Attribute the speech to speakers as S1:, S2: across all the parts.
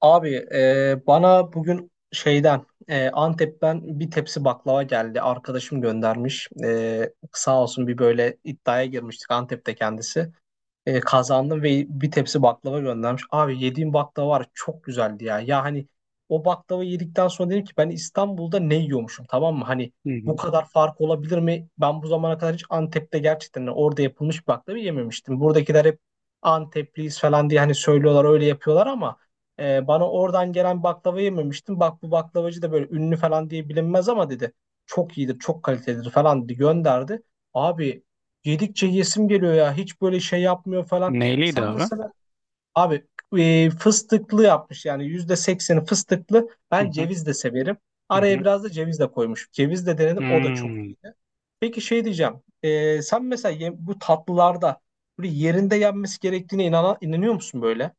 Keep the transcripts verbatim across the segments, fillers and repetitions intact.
S1: Abi e, bana bugün şeyden e, Antep'ten bir tepsi baklava geldi. Arkadaşım göndermiş. E, sağ olsun bir böyle iddiaya girmiştik Antep'te kendisi. E, kazandım ve bir tepsi baklava göndermiş. Abi, yediğim baklava var ya, çok güzeldi ya. Ya hani o baklava yedikten sonra dedim ki ben İstanbul'da ne yiyormuşum, tamam mı? Hani
S2: Hı
S1: bu
S2: hı.
S1: kadar fark olabilir mi? Ben bu zamana kadar hiç Antep'te gerçekten orada yapılmış baklava yememiştim. Buradakiler hep Antepliyiz falan diye hani söylüyorlar, öyle yapıyorlar ama e, bana oradan gelen baklava yememiştim. Bak, bu baklavacı da böyle ünlü falan diye bilinmez ama dedi. Çok iyidir, çok kalitelidir falan dedi, gönderdi. Abi, Yedikçe yesim geliyor ya. Hiç böyle şey yapmıyor falan.
S2: Neyliydi
S1: Sen
S2: abi?
S1: mesela, abi, e, fıstıklı yapmış, yani yüzde sekseni fıstıklı.
S2: Hı
S1: Ben
S2: hı,
S1: ceviz de severim.
S2: hı
S1: Araya
S2: hı.
S1: biraz da ceviz de koymuş. Ceviz de denedim, o da çok
S2: Hmm.
S1: iyiydi. Peki şey diyeceğim. E, sen mesela ye- bu tatlılarda böyle yerinde yenmesi gerektiğine inana, inanıyor musun böyle?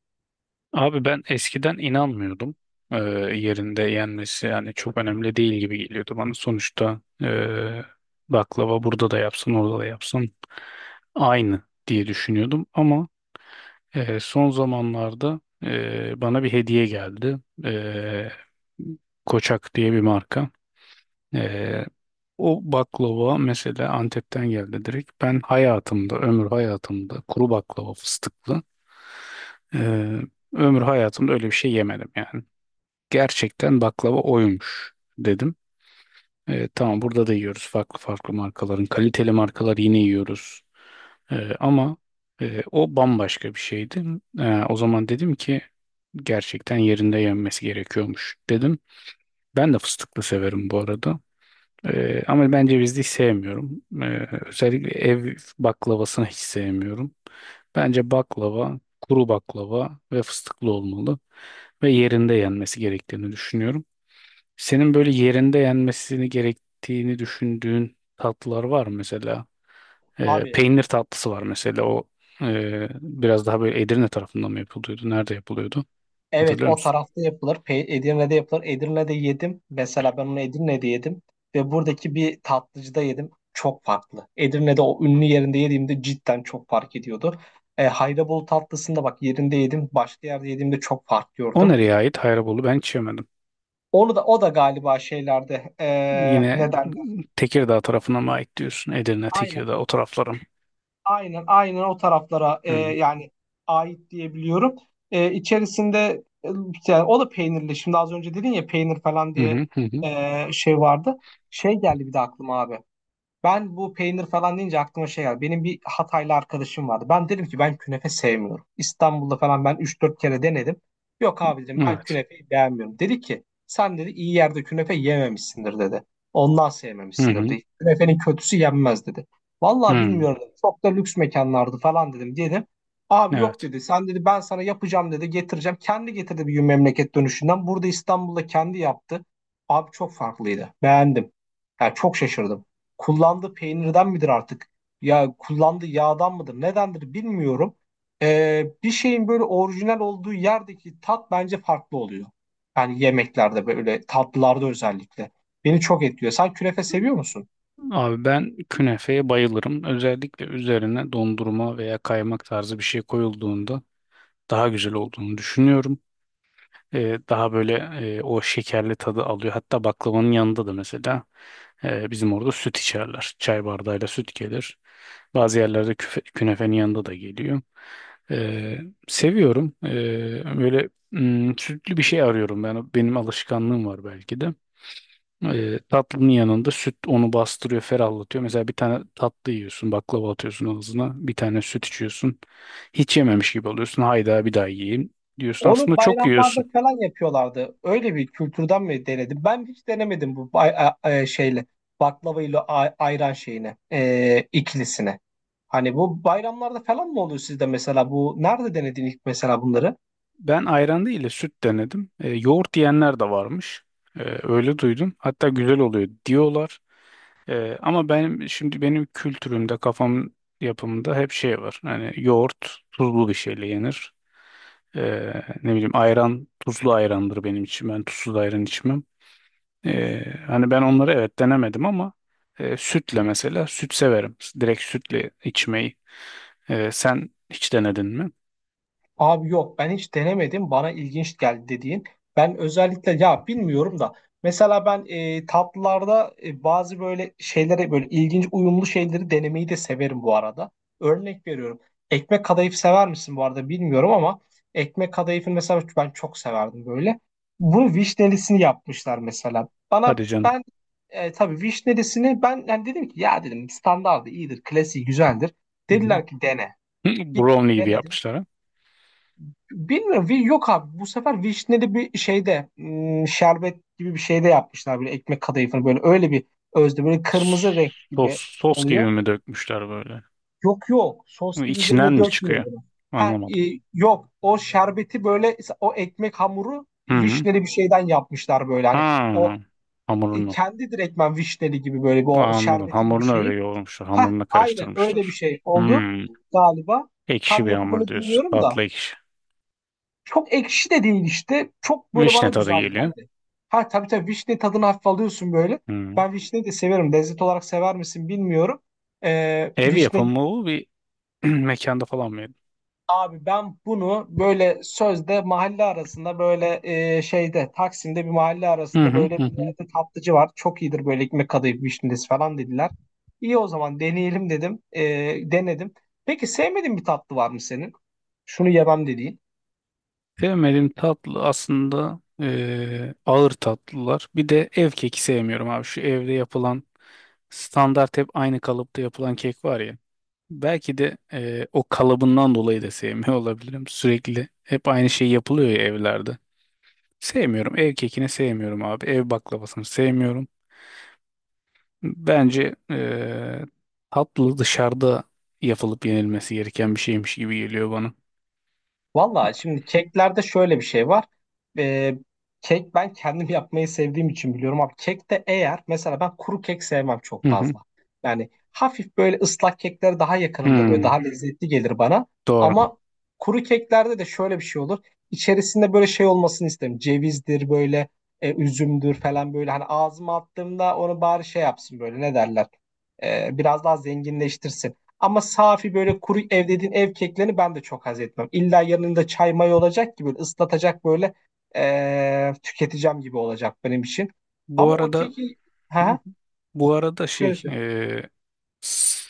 S2: Abi ben eskiden inanmıyordum. Ee, Yerinde yenmesi yani çok önemli değil gibi geliyordu bana. Sonuçta ee, baklava burada da yapsın orada da yapsın aynı diye düşünüyordum. Ama ee, son zamanlarda ee, bana bir hediye geldi. Ee, Koçak diye bir marka. E, O baklava mesela Antep'ten geldi direkt. Ben hayatımda, ömür hayatımda kuru baklava fıstıklı eee, ömür hayatımda öyle bir şey yemedim yani. Gerçekten baklava oymuş dedim. Eee, tamam burada da yiyoruz farklı farklı markaların. Kaliteli markalar yine yiyoruz. Eee, ama eee, o bambaşka bir şeydi. Eee, o zaman dedim ki gerçekten yerinde yenmesi gerekiyormuş dedim. Ben de fıstıklı severim bu arada. Ee, ama ben cevizli hiç sevmiyorum. Ee, özellikle ev baklavasını hiç sevmiyorum. Bence baklava, kuru baklava ve fıstıklı olmalı ve yerinde yenmesi gerektiğini düşünüyorum. Senin böyle yerinde yenmesini gerektiğini düşündüğün tatlılar var mı mesela? Ee,
S1: Abi,
S2: peynir tatlısı var mesela. O e, biraz daha böyle Edirne tarafından mı yapılıyordu? Nerede yapılıyordu?
S1: evet,
S2: Hatırlıyor
S1: o
S2: musun?
S1: tarafta yapılır. Pe Edirne'de yapılır. Edirne'de yedim. Mesela ben onu Edirne'de yedim. Ve buradaki bir tatlıcıda yedim. Çok farklı. Edirne'de o ünlü yerinde yediğimde cidden çok fark ediyordu. E, Haydabolu tatlısında bak yerinde yedim. Başka yerde yediğimde çok fark
S2: O
S1: gördüm.
S2: nereye ait? Hayrabolu ben hiç yemedim.
S1: Onu da, o da galiba şeylerde e, ne
S2: Yine
S1: derler?
S2: Tekirdağ tarafına mı ait diyorsun? Edirne, Tekirdağ o taraflarım.
S1: Aynen aynen, o taraflara e, yani ait diyebiliyorum. E, içerisinde e, yani o da peynirli. Şimdi az önce dedin ya, peynir falan
S2: Hı hı
S1: diye
S2: hı, hı hı.
S1: e, şey vardı. Şey geldi bir de aklıma abi. Ben bu peynir falan deyince aklıma şey geldi. Benim bir Hataylı arkadaşım vardı. Ben dedim ki ben künefe sevmiyorum. İstanbul'da falan ben üç dört kere denedim. Yok abi, dedim, ben
S2: Evet.
S1: künefeyi beğenmiyorum. Dedi ki sen, dedi, iyi yerde künefe yememişsindir, dedi. Ondan
S2: Hı
S1: sevmemişsindir,
S2: hı,
S1: dedi. Künefenin kötüsü yenmez, dedi. Vallahi
S2: hı.
S1: bilmiyorum, dedi. Çok da lüks mekanlardı falan dedim. Dedim abi, yok
S2: Evet.
S1: dedi. Sen, dedi, ben sana yapacağım dedi, getireceğim. Kendi getirdi bir gün memleket dönüşünden. Burada İstanbul'da kendi yaptı. Abi, çok farklıydı. Beğendim. Yani çok şaşırdım, kullandığı peynirden midir artık? Ya kullandığı yağdan mıdır? Nedendir bilmiyorum. Ee, bir şeyin böyle orijinal olduğu yerdeki tat bence farklı oluyor. Yani yemeklerde, böyle tatlılarda özellikle. Beni çok etkiliyor. Sen künefe seviyor musun?
S2: Abi ben künefeye bayılırım. Özellikle üzerine dondurma veya kaymak tarzı bir şey koyulduğunda daha güzel olduğunu düşünüyorum. E, daha böyle e, o şekerli tadı alıyor. Hatta baklavanın yanında da mesela e, bizim orada süt içerler. Çay bardağıyla süt gelir. Bazı yerlerde küfe- künefenin yanında da geliyor. E, Seviyorum. E, böyle mm, sütlü bir şey arıyorum. Ben, benim alışkanlığım var belki de. E, tatlının yanında süt onu bastırıyor, ferahlatıyor. Mesela bir tane tatlı yiyorsun, baklava atıyorsun ağzına. Bir tane süt içiyorsun. Hiç yememiş gibi oluyorsun. Hayda bir daha yiyeyim diyorsun.
S1: Onu
S2: Aslında çok
S1: bayramlarda
S2: yiyorsun.
S1: falan yapıyorlardı. Öyle bir kültürden mi denedim? Ben hiç denemedim bu bay- e, e, şeyle baklava ile a- ayran şeyine, e, ikilisine. Hani bu bayramlarda falan mı oluyor sizde mesela, bu nerede denedin ilk mesela bunları?
S2: Ben ayran değil de süt denedim. E, yoğurt diyenler de varmış. E, öyle duydum. Hatta güzel oluyor diyorlar. E, ama benim şimdi benim kültürümde, kafam yapımında hep şey var. Hani yoğurt tuzlu bir şeyle yenir. E, Ne bileyim ayran tuzlu ayrandır benim için. Ben tuzsuz ayran içmem. E, hani ben onları evet denemedim ama e, sütle mesela süt severim. Direkt sütle içmeyi. E, sen hiç denedin mi?
S1: Abi yok, ben hiç denemedim, bana ilginç geldi dediğin. Ben özellikle, ya bilmiyorum da mesela ben e, tatlılarda e, bazı böyle şeylere, böyle ilginç uyumlu şeyleri denemeyi de severim bu arada. Örnek veriyorum. Ekmek kadayıf sever misin bu arada bilmiyorum ama ekmek kadayıfını mesela ben çok severdim böyle. Bunu vişnelisini yapmışlar mesela. Bana
S2: Hadi canım.
S1: ben e, tabii vişnelisini, ben yani dedim ki, ya dedim, standardı iyidir, klasiği güzeldir.
S2: Hı
S1: Dediler ki dene.
S2: hı.
S1: Gittim,
S2: Brownie gibi
S1: denedim.
S2: yapmışlar
S1: Bilmiyorum. Wish yok abi. Bu sefer vişneli bir şeyde, hmm, şerbet gibi bir şeyde yapmışlar böyle ekmek kadayıfını, böyle öyle bir özde böyle
S2: ha.
S1: kırmızı renk
S2: Sos,
S1: gibi
S2: sos gibi
S1: oluyor.
S2: mi dökmüşler böyle?
S1: Yok yok. Sos
S2: Bu
S1: gibi
S2: İçinden
S1: üzerine
S2: mi çıkıyor?
S1: dökmüyor bunu. Ha, e,
S2: Anlamadım.
S1: yok. O şerbeti böyle, o ekmek hamuru
S2: Hı hı.
S1: vişneli bir şeyden yapmışlar böyle, hani
S2: Ha.
S1: o e,
S2: Hamurunu.
S1: kendi direktmen vişneli gibi böyle bir o
S2: Aa, anladım.
S1: şerbeti gibi
S2: Hamurunu öyle
S1: şeyi.
S2: yoğurmuşlar.
S1: Ha
S2: Hamurunu
S1: aynen, öyle bir
S2: karıştırmışlar.
S1: şey oldu
S2: Hmm.
S1: galiba.
S2: Ekşi
S1: Tam
S2: bir
S1: yapımını
S2: hamur diyorsun.
S1: bilmiyorum da.
S2: Tatlı ekşi.
S1: Çok ekşi de değil işte. Çok böyle bana
S2: Vişne tadı
S1: güzel
S2: geliyor.
S1: geldi. Ha tabii tabii, vişne tadını hafif alıyorsun böyle.
S2: Hmm.
S1: Ben vişneyi de severim. Lezzet olarak sever misin bilmiyorum. Ee,
S2: Ev
S1: vişne
S2: yapımı bu bir mekanda falan mı yedin?
S1: abi ben bunu böyle sözde mahalle arasında, böyle e, şeyde, Taksim'de bir mahalle
S2: Hı
S1: arasında
S2: hı
S1: böyle
S2: hı,
S1: bir
S2: hı.
S1: yerde tatlıcı var. Çok iyidir böyle ekmek kadayıf vişnesi falan dediler. İyi, o zaman deneyelim dedim. Ee, denedim. Peki, sevmediğin bir tatlı var mı senin? Şunu yemem dediğin.
S2: Sevmediğim tatlı aslında eee, ağır tatlılar. Bir de ev keki sevmiyorum abi. Şu evde yapılan standart hep aynı kalıpta yapılan kek var ya. Belki de e, o kalıbından dolayı da sevmiyor olabilirim. Sürekli hep aynı şey yapılıyor ya evlerde. Sevmiyorum. Ev kekini sevmiyorum abi. Ev baklavasını sevmiyorum. Bence e, tatlı dışarıda yapılıp yenilmesi gereken bir şeymiş gibi geliyor bana.
S1: Valla şimdi keklerde şöyle bir şey var. Ee, kek ben kendim yapmayı sevdiğim için biliyorum abi. Kekte eğer mesela, ben kuru kek sevmem çok
S2: Hı hı.
S1: fazla. Yani hafif böyle ıslak kekler daha yakınımdır, böyle daha
S2: Hmm,
S1: lezzetli gelir bana.
S2: doğru.
S1: Ama kuru keklerde de şöyle bir şey olur. İçerisinde böyle şey olmasını isterim. Cevizdir böyle, e, üzümdür falan böyle. Hani ağzıma attığımda onu bari şey yapsın böyle, ne derler. Ee, biraz daha zenginleştirsin. Ama safi böyle kuru ev dediğin, ev keklerini ben de çok haz etmem. İlla yanında çay may olacak, gibi ıslatacak böyle eee, tüketeceğim gibi olacak benim için.
S2: Bu
S1: Ama o
S2: arada
S1: keki,
S2: hı hı,
S1: ha,
S2: bu arada
S1: söyle
S2: şey
S1: söyle.
S2: e, s-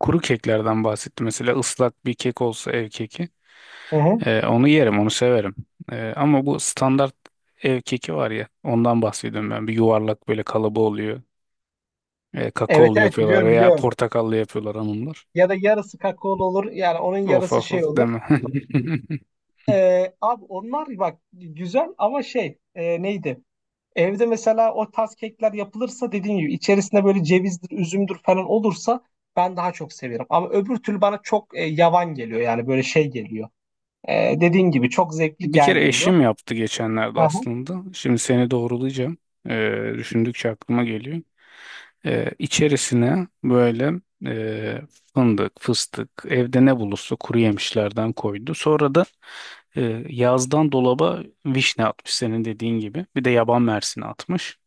S2: kuru keklerden bahsetti. Mesela ıslak bir kek olsa ev keki.
S1: Hı hı.
S2: Ee, onu yerim, onu severim. Ee, ama bu standart ev keki var ya, ondan bahsediyorum ben. Bir yuvarlak böyle kalıbı oluyor. Ee,
S1: Evet
S2: kakaolu
S1: evet,
S2: yapıyorlar
S1: biliyorum
S2: veya
S1: biliyorum.
S2: portakallı yapıyorlar hanımlar.
S1: Ya da yarısı kakaolu olur, yani onun
S2: Of
S1: yarısı
S2: of
S1: şey
S2: of
S1: olur.
S2: deme.
S1: Eee, abi onlar bak güzel ama şey, eee, neydi? Evde mesela o tarz kekler yapılırsa, dediğim gibi içerisinde böyle cevizdir, üzümdür falan olursa, ben daha çok severim. Ama öbür türlü bana çok e, yavan geliyor, yani böyle şey geliyor. E, dediğin gibi çok zevkli
S2: Bir kere
S1: gelmiyor.
S2: eşim yaptı geçenlerde
S1: Aha.
S2: aslında. Şimdi seni doğrulayacağım. Ee, düşündükçe aklıma geliyor. Ee, içerisine böyle e, fındık, fıstık, evde ne bulursa kuru yemişlerden koydu. Sonra da e, yazdan dolaba vişne atmış senin dediğin gibi. Bir de yaban mersini atmış.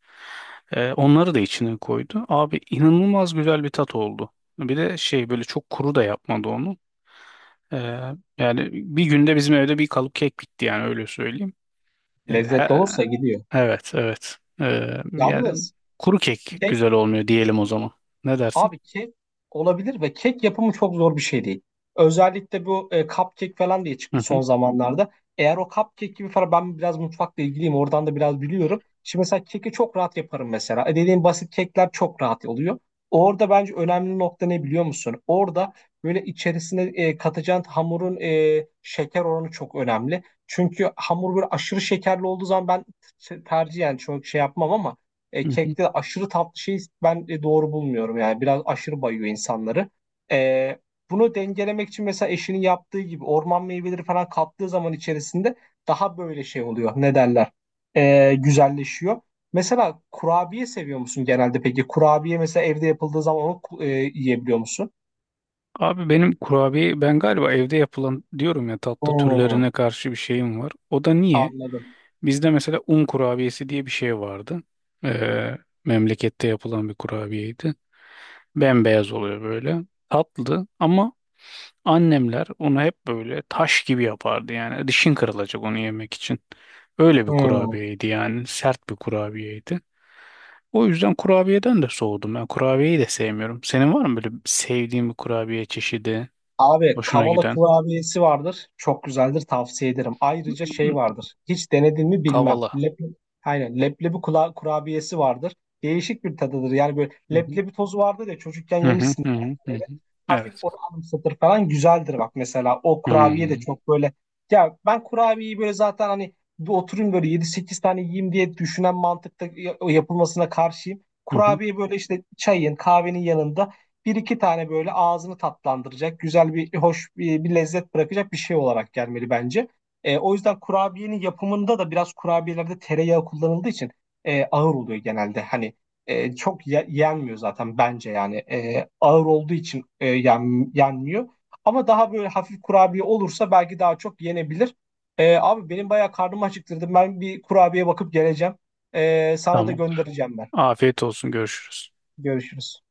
S2: E, onları da içine koydu. Abi inanılmaz güzel bir tat oldu. Bir de şey böyle çok kuru da yapmadı onu. E, Yani bir günde bizim evde bir kalıp kek bitti yani öyle söyleyeyim. E,
S1: Lezzet
S2: he-
S1: olursa gidiyor.
S2: evet, evet. E, yani
S1: Yalnız
S2: kuru kek
S1: kek
S2: güzel olmuyor diyelim o zaman. Ne dersin?
S1: Abi, kek olabilir ve kek yapımı çok zor bir şey değil. Özellikle bu e, cupcake falan diye
S2: Hı
S1: çıktı
S2: hı,
S1: son zamanlarda. Eğer o cupcake gibi falan, ben biraz mutfakla ilgiliyim. Oradan da biraz biliyorum. Şimdi mesela keki çok rahat yaparım mesela. E, dediğim basit kekler çok rahat oluyor. Orada bence önemli nokta ne biliyor musun? Orada böyle içerisine e, katacağın hamurun e, şeker oranı çok önemli. Çünkü hamur böyle aşırı şekerli olduğu zaman ben t- tercihen çok şey yapmam ama e,
S2: hı hı.
S1: kekte aşırı tatlı şeyi ben e, doğru bulmuyorum. Yani biraz aşırı bayıyor insanları. E, bunu dengelemek için mesela eşinin yaptığı gibi orman meyveleri falan kattığı zaman içerisinde daha böyle şey oluyor. Ne derler? E, güzelleşiyor. Mesela kurabiye seviyor musun genelde peki? Kurabiye mesela evde yapıldığı zaman onu e, yiyebiliyor musun?
S2: Abi benim kurabiye ben galiba evde yapılan diyorum ya tatlı
S1: Hmm,
S2: türlerine karşı bir şeyim var. O da niye?
S1: anladım.
S2: Bizde mesela un kurabiyesi diye bir şey vardı. E, Memlekette yapılan bir kurabiyeydi. Bembeyaz oluyor böyle. Tatlı ama annemler onu hep böyle taş gibi yapardı yani. Dişin kırılacak onu yemek için. Öyle bir
S1: Hmm.
S2: kurabiyeydi yani. Sert bir kurabiyeydi. O yüzden kurabiyeden de soğudum. Ben kurabiyeyi de sevmiyorum. Senin var mı böyle sevdiğin bir kurabiye çeşidi?
S1: Abi,
S2: Hoşuna
S1: kavala
S2: giden?
S1: kurabiyesi vardır. Çok güzeldir, tavsiye ederim. Ayrıca şey vardır. Hiç denedin mi bilmem.
S2: Kavala.
S1: Lep, aynen, leblebi kula- kurabiyesi vardır. Değişik bir tadıdır. Yani böyle
S2: Hı hı.
S1: leblebi tozu vardır ya, çocukken
S2: Hı hı
S1: yemişsin
S2: hı hı, hı
S1: belki böyle.
S2: hı.
S1: Hafif
S2: Evet.
S1: onu anımsatır falan, güzeldir bak mesela. O
S2: Hı
S1: kurabiye
S2: hı.
S1: de çok böyle. Ya ben kurabiyeyi böyle zaten, hani bir oturayım böyle yedi sekiz tane yiyeyim diye düşünen mantıkta ya- yapılmasına karşıyım.
S2: Hı hı.
S1: Kurabiye böyle işte çayın kahvenin yanında bir iki tane, böyle ağzını tatlandıracak, güzel bir, hoş bir, bir lezzet bırakacak bir şey olarak gelmeli bence. E, o yüzden kurabiyenin yapımında da biraz, kurabiyelerde tereyağı kullanıldığı için e, ağır oluyor genelde. Hani e, çok ye- yenmiyor zaten bence, yani E, ağır olduğu için e, yen- yenmiyor. Ama daha böyle hafif kurabiye olursa belki daha çok yenebilir. E, abi benim bayağı karnımı acıktırdı. Ben bir kurabiye bakıp geleceğim. E, sana da
S2: Tamamdır.
S1: göndereceğim ben.
S2: Afiyet olsun. Görüşürüz.
S1: Görüşürüz.